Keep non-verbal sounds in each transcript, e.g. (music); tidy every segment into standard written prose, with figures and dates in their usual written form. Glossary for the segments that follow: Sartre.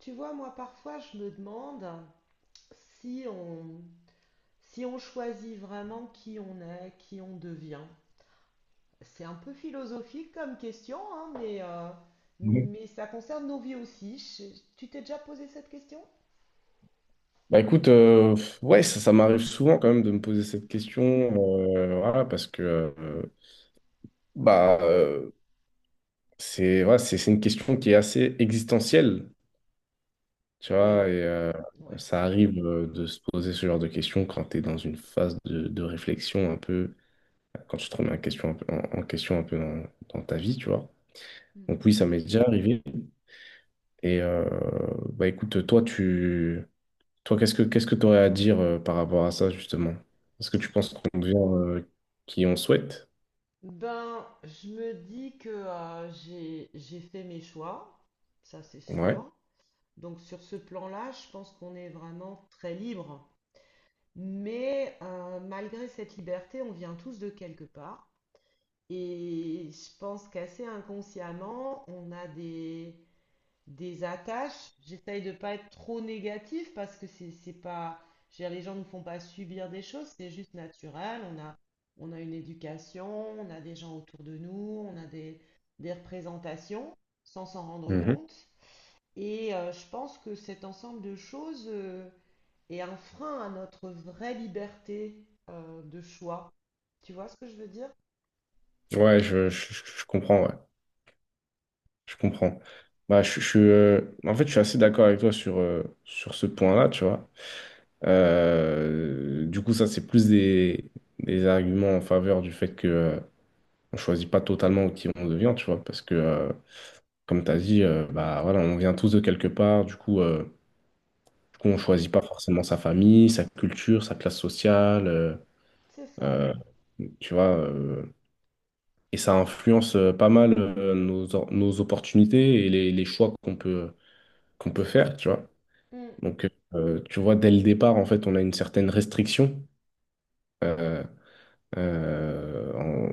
Tu vois, moi parfois je me demande si on, si on choisit vraiment qui on est, qui on devient. C'est un peu philosophique comme question, hein, Ouais. mais ça concerne nos vies aussi. Tu t'es déjà posé cette question? Bah écoute, ouais, ça m'arrive souvent quand même de me poser cette question, voilà, parce que bah euh, c'est voilà, c'est une question qui est assez existentielle. Tu Et vois, ouais, ouais. ça arrive de se poser ce genre de questions quand tu es dans une phase de réflexion un peu, quand tu te remets en question un peu, en question un peu dans, dans ta vie, tu vois. Donc oui, ça m'est déjà arrivé. Et euh, Bah écoute, toi, qu'est-ce que tu aurais à dire par rapport à ça, justement? Est-ce que tu penses qu'on devient qui on souhaite? Ben, je me dis que j'ai fait mes choix, ça c'est Ouais. sûr. Donc sur ce plan-là, je pense qu'on est vraiment très libre. Mais malgré cette liberté, on vient tous de quelque part. Et je pense qu'assez inconsciemment, des attaches. J'essaye de ne pas être trop négatif parce que c'est pas, je veux dire, les gens ne font pas subir des choses, c'est juste naturel. On a une éducation, on a des gens autour de nous, on a des représentations sans s'en rendre Mhm. compte. Et je pense que cet ensemble de choses est un frein à notre vraie liberté de choix. Tu vois ce que je veux dire? Ouais, je comprends, ouais. Je comprends. Bah, je suis, en fait, je suis assez d'accord avec toi sur, sur ce point-là, tu vois. Du coup, ça, c'est plus des arguments en faveur du fait que on choisit pas totalement qui on devient, tu vois, parce que, comme tu as dit, bah, voilà, on vient tous de quelque part, du coup, on Hmm, choisit pas forcément sa famille, sa culture, sa classe sociale, c'est ça. euh, tu vois, et ça influence pas mal nos, nos opportunités et les choix qu'on peut faire, tu vois. Mm, Donc, tu vois, dès le départ, en fait, on a une certaine restriction euh, en,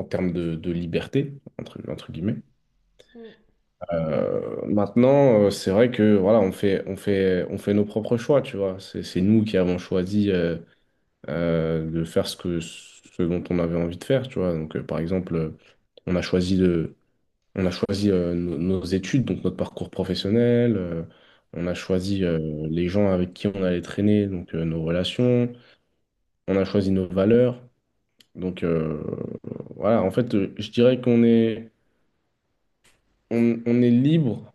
en termes de liberté, entre, entre guillemets. mm. Maintenant, c'est vrai que voilà, on fait nos propres choix, tu vois. C'est nous qui avons choisi de faire ce que, ce dont on avait envie de faire, tu vois. Donc, par exemple, on a choisi de, on a choisi nos, nos études, donc notre parcours professionnel. On a choisi les gens avec qui on allait traîner, donc nos relations. On a choisi nos valeurs. Donc euh, voilà, en fait, je dirais qu'on est, on est libre,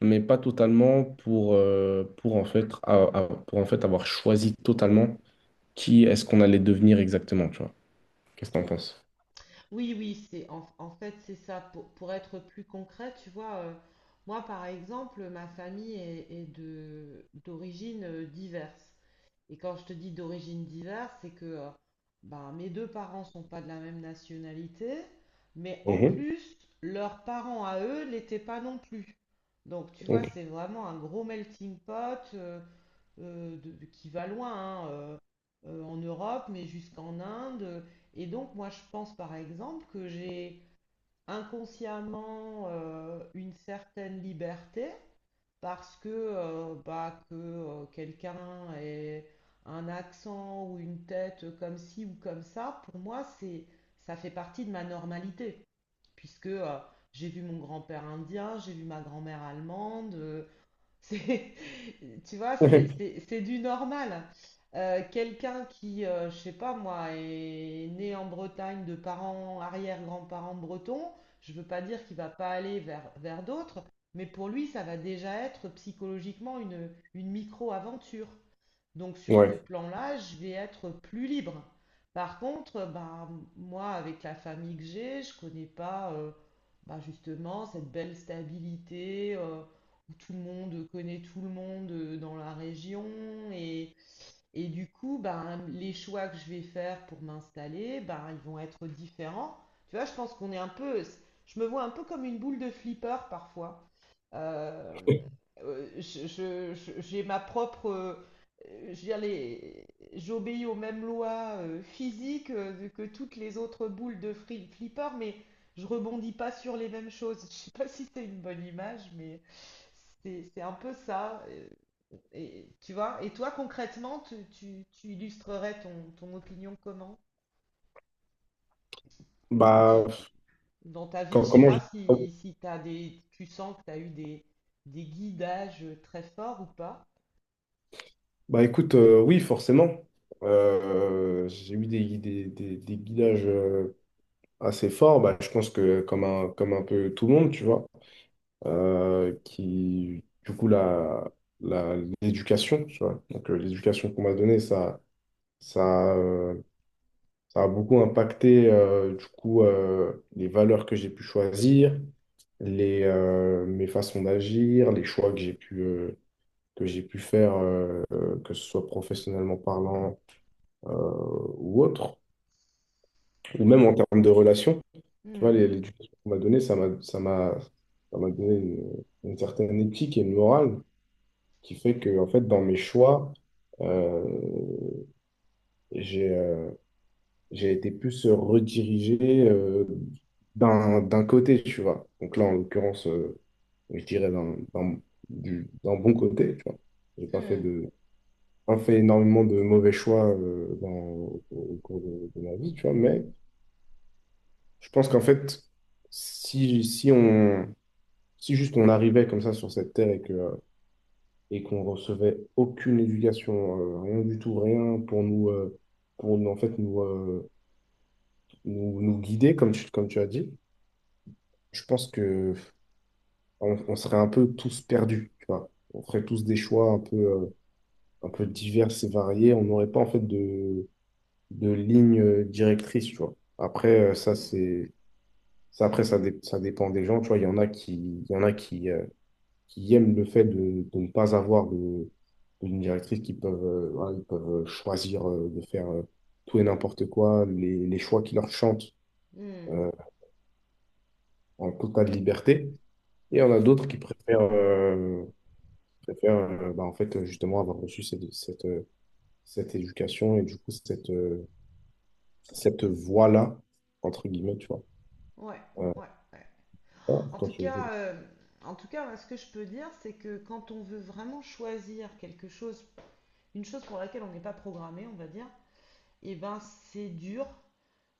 mais pas totalement pour, en fait, pour en fait avoir choisi totalement qui est-ce qu'on allait devenir exactement, tu vois. Qu'est-ce que t'en penses? Oui, oui, en fait c'est ça. Pour être plus concret, tu vois, moi par exemple, est de d'origine diverse. Et quand je te dis d'origine diverse, c'est que ben, mes deux parents sont pas de la même nationalité, mais en Mhm, plus leurs parents à eux l'étaient pas non plus. Donc tu vois, ok. c'est vraiment un gros melting pot. Qui va loin hein, en Europe, mais jusqu'en Inde. Et donc, moi, je pense par exemple que j'ai inconsciemment une certaine liberté parce que, bah, que quelqu'un ait un accent ou une tête comme ci ou comme ça, pour moi, ça fait partie de ma normalité, puisque j'ai vu mon grand-père indien, j'ai vu ma grand-mère allemande. C'est, (laughs) tu vois, (laughs) c'est du normal. Quelqu'un qui, je sais pas moi, est né en Bretagne de parents, arrière-grands-parents bretons, je veux pas dire qu'il va pas aller vers d'autres, mais pour lui, ça va déjà être psychologiquement une micro-aventure. Donc sur ce Ouais. plan-là, je vais être plus libre. Par contre, bah, moi, avec la famille que j'ai, je connais pas bah, justement cette belle stabilité où tout le monde connaît tout le monde dans la région. Et, et du coup, bah, les choix que je vais faire pour m'installer, bah, ils vont être différents. Tu vois, je me vois un peu comme une boule de flipper parfois. Euh, j'ai ma propre, je veux dire, j'obéis aux mêmes lois physiques que toutes les autres boules de flipper, mais je rebondis pas sur les mêmes choses. (laughs) Je sais pas si c'est une bonne image, mais c'est un peu ça. Et, tu vois, et toi concrètement, tu illustrerais ton, ton opinion comment? Tu, Bah, tu- Dans ta vie, Com- je sais comment pas je... oh, si t'as des, tu sens que tu as eu des guidages très forts ou pas. bah écoute, oui, forcément. J'ai eu des, des guidages assez forts. Bah, je pense que comme un peu tout le monde, tu vois. Qui, du coup, la, la- l'éducation, tu vois. Donc, l'éducation qu'on m'a donnée, ça, euh, ça a beaucoup impacté, du coup, les valeurs que j'ai pu choisir, les, mes façons d'agir, les choix que j'ai pu faire, que ce soit professionnellement parlant, euh, ou autre, ou même en termes de relations. Tu vois, Hmm, l'éducation qu'on m'a donnée, ça m'a donné une certaine éthique et une morale qui fait que, en fait, dans mes choix, euh, j'ai euh, j'ai été plus redirigé d'un côté, tu vois. Donc là, en l'occurrence, je dirais d'un bon côté, tu vois. J'ai pas fait hmm, de, pas fait énormément de mauvais choix dans, au, au cours de ma vie, tu vois. Mais je pense qu'en fait, si, si juste on arrivait comme ça sur cette terre et que et qu'on recevait aucune éducation, rien du tout, rien pour nous, pour nous, en fait, nous guider, comme tu as dit, je pense que on serait un peu tous perdus, tu vois. On ferait tous des choix un peu divers et variés. On n'aurait pas, en fait, de ligne directrice, tu vois. Après, ça, hmm, c'est, ça, après, ça, dé- ça dépend des gens, tu vois. Il y en a qui aiment le fait de ne pas avoir de ligne directrice, qui peuvent, voilà, ils peuvent choisir de faire tout et n'importe quoi, les choix qui leur chantent hmm, euh, en totale liberté. Et on a hmm. d'autres qui préfèrent, bah, en fait, justement, avoir reçu cette éducation et du coup, cette, cette voie-là, entre guillemets, tu vois. Ouais, Euh, ouais, ouais. ah, En attends, tout cas, euh, en tout cas, moi, ce que je peux dire, c'est que quand on veut vraiment choisir quelque chose, une chose pour laquelle on n'est pas programmé, on va dire, eh ben c'est dur.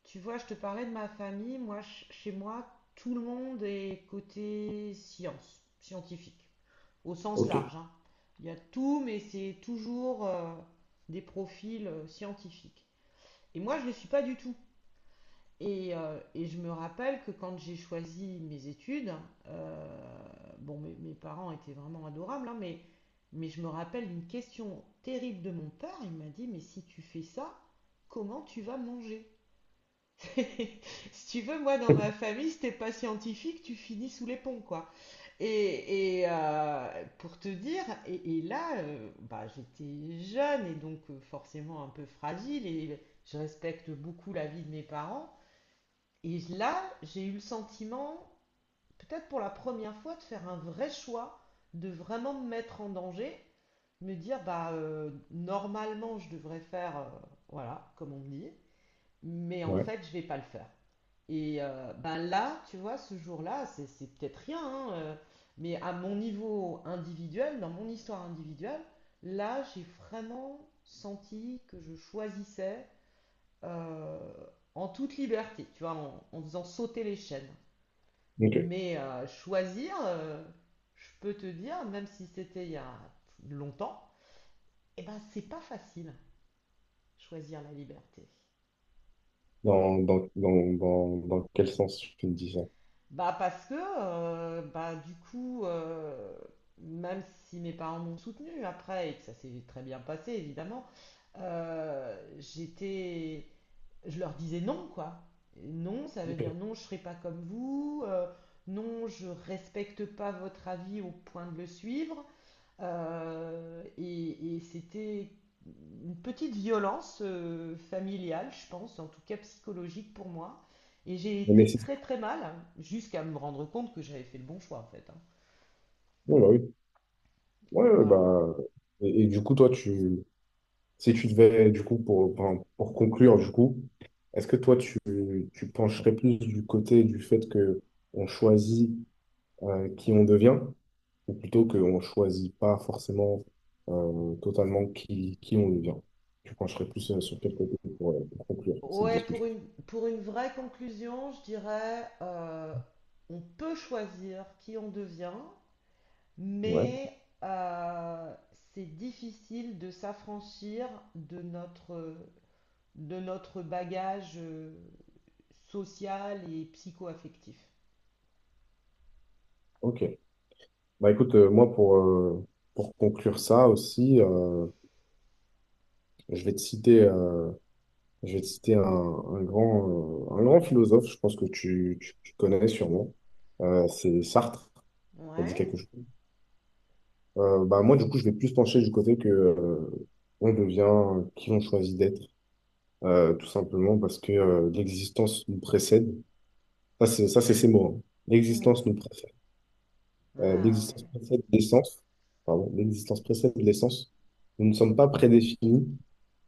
Tu vois, je te parlais de ma famille. Moi, chez moi, tout le monde est côté science, scientifique. Au sens ok. large. Hein. Il y a tout, mais c'est toujours des profils scientifiques. Et moi, je ne le suis pas du tout. Et je me rappelle que quand j'ai choisi mes études, euh, bon, mes parents étaient vraiment adorables, hein, mais je me rappelle une question terrible de mon père. Il m'a dit, mais si tu fais ça, comment tu vas manger (laughs) Si tu veux, moi, dans ma (laughs) famille, si t'es pas scientifique, tu finis sous les ponts, quoi. Pour te dire, et là, bah, j'étais jeune et donc forcément un peu fragile et je respecte beaucoup la vie de mes parents. Et là, j'ai eu le sentiment, peut-être pour la première fois, de faire un vrai choix, de vraiment me mettre en danger, me dire, bah, normalement, je devrais faire, voilà, comme on me dit, mais en Ouais, fait, je vais pas le faire. Et ben là, tu vois, ce jour-là, c'est peut-être rien, hein, mais à mon niveau individuel, dans mon histoire individuelle, là, j'ai vraiment senti que je choisissais euh, en toute liberté, tu vois, en faisant sauter les chaînes. ok. Mais choisir, je peux te dire, même si c'était il y a longtemps, eh ben c'est pas facile, choisir la liberté. Dans quel sens tu me dis ça? Bah parce que bah du coup même si mes parents m'ont soutenue après et que ça s'est très bien passé évidemment j'étais je leur disais non quoi, non ça veut Ok. dire non, je serai pas comme vous non je respecte pas votre avis au point de le suivre et c'était une petite violence familiale, je pense, en tout cas psychologique pour moi. Et j'ai Mais été c'est... très très mal, hein, jusqu'à me rendre compte que j'avais fait le bon choix en fait. Hein. Oui, bah oui. Ouais, ouais, Voilà. bah, et du coup, si tu devais, du coup, pour, enfin, pour conclure, du coup, est-ce que toi, tu pencherais plus du côté du fait que on choisit qui on devient, ou plutôt qu'on choisit pas forcément totalement qui on devient? Tu pencherais plus sur quel côté pour conclure cette Ouais, discussion? Pour une vraie conclusion, je dirais, on peut choisir qui on devient, Ouais, mais c'est difficile de s'affranchir de notre, de notre bagage. Social et psycho-affectif. ok. Bah écoute, moi, pour conclure ça aussi, je vais te citer. Je vais te citer un grand philosophe, je pense que tu, tu connais sûrement. C'est Sartre, ça dit Ouais. quelque chose. Bah, moi, du coup, je vais plus pencher du côté que on devient qui on choisit d'être, tout simplement parce que l'existence nous précède. Ça, c'est ces mots, hein. Mhm. L'existence nous précède. Ah ouais. L'existence précède l'essence. Pardon, l'existence précède l'essence. Nous ne sommes pas prédéfinis,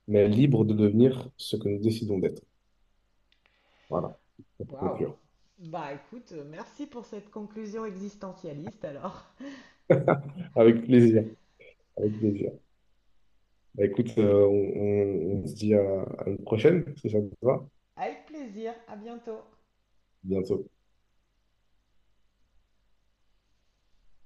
mais libres de devenir ce que nous décidons d'être. Voilà, pour Waouh. conclure. Bah écoute, merci pour cette conclusion existentialiste alors. Avec plaisir. Avec plaisir. Bah, écoute, on, on se dit à une prochaine, si ça te va. Avec plaisir, à bientôt. Bientôt.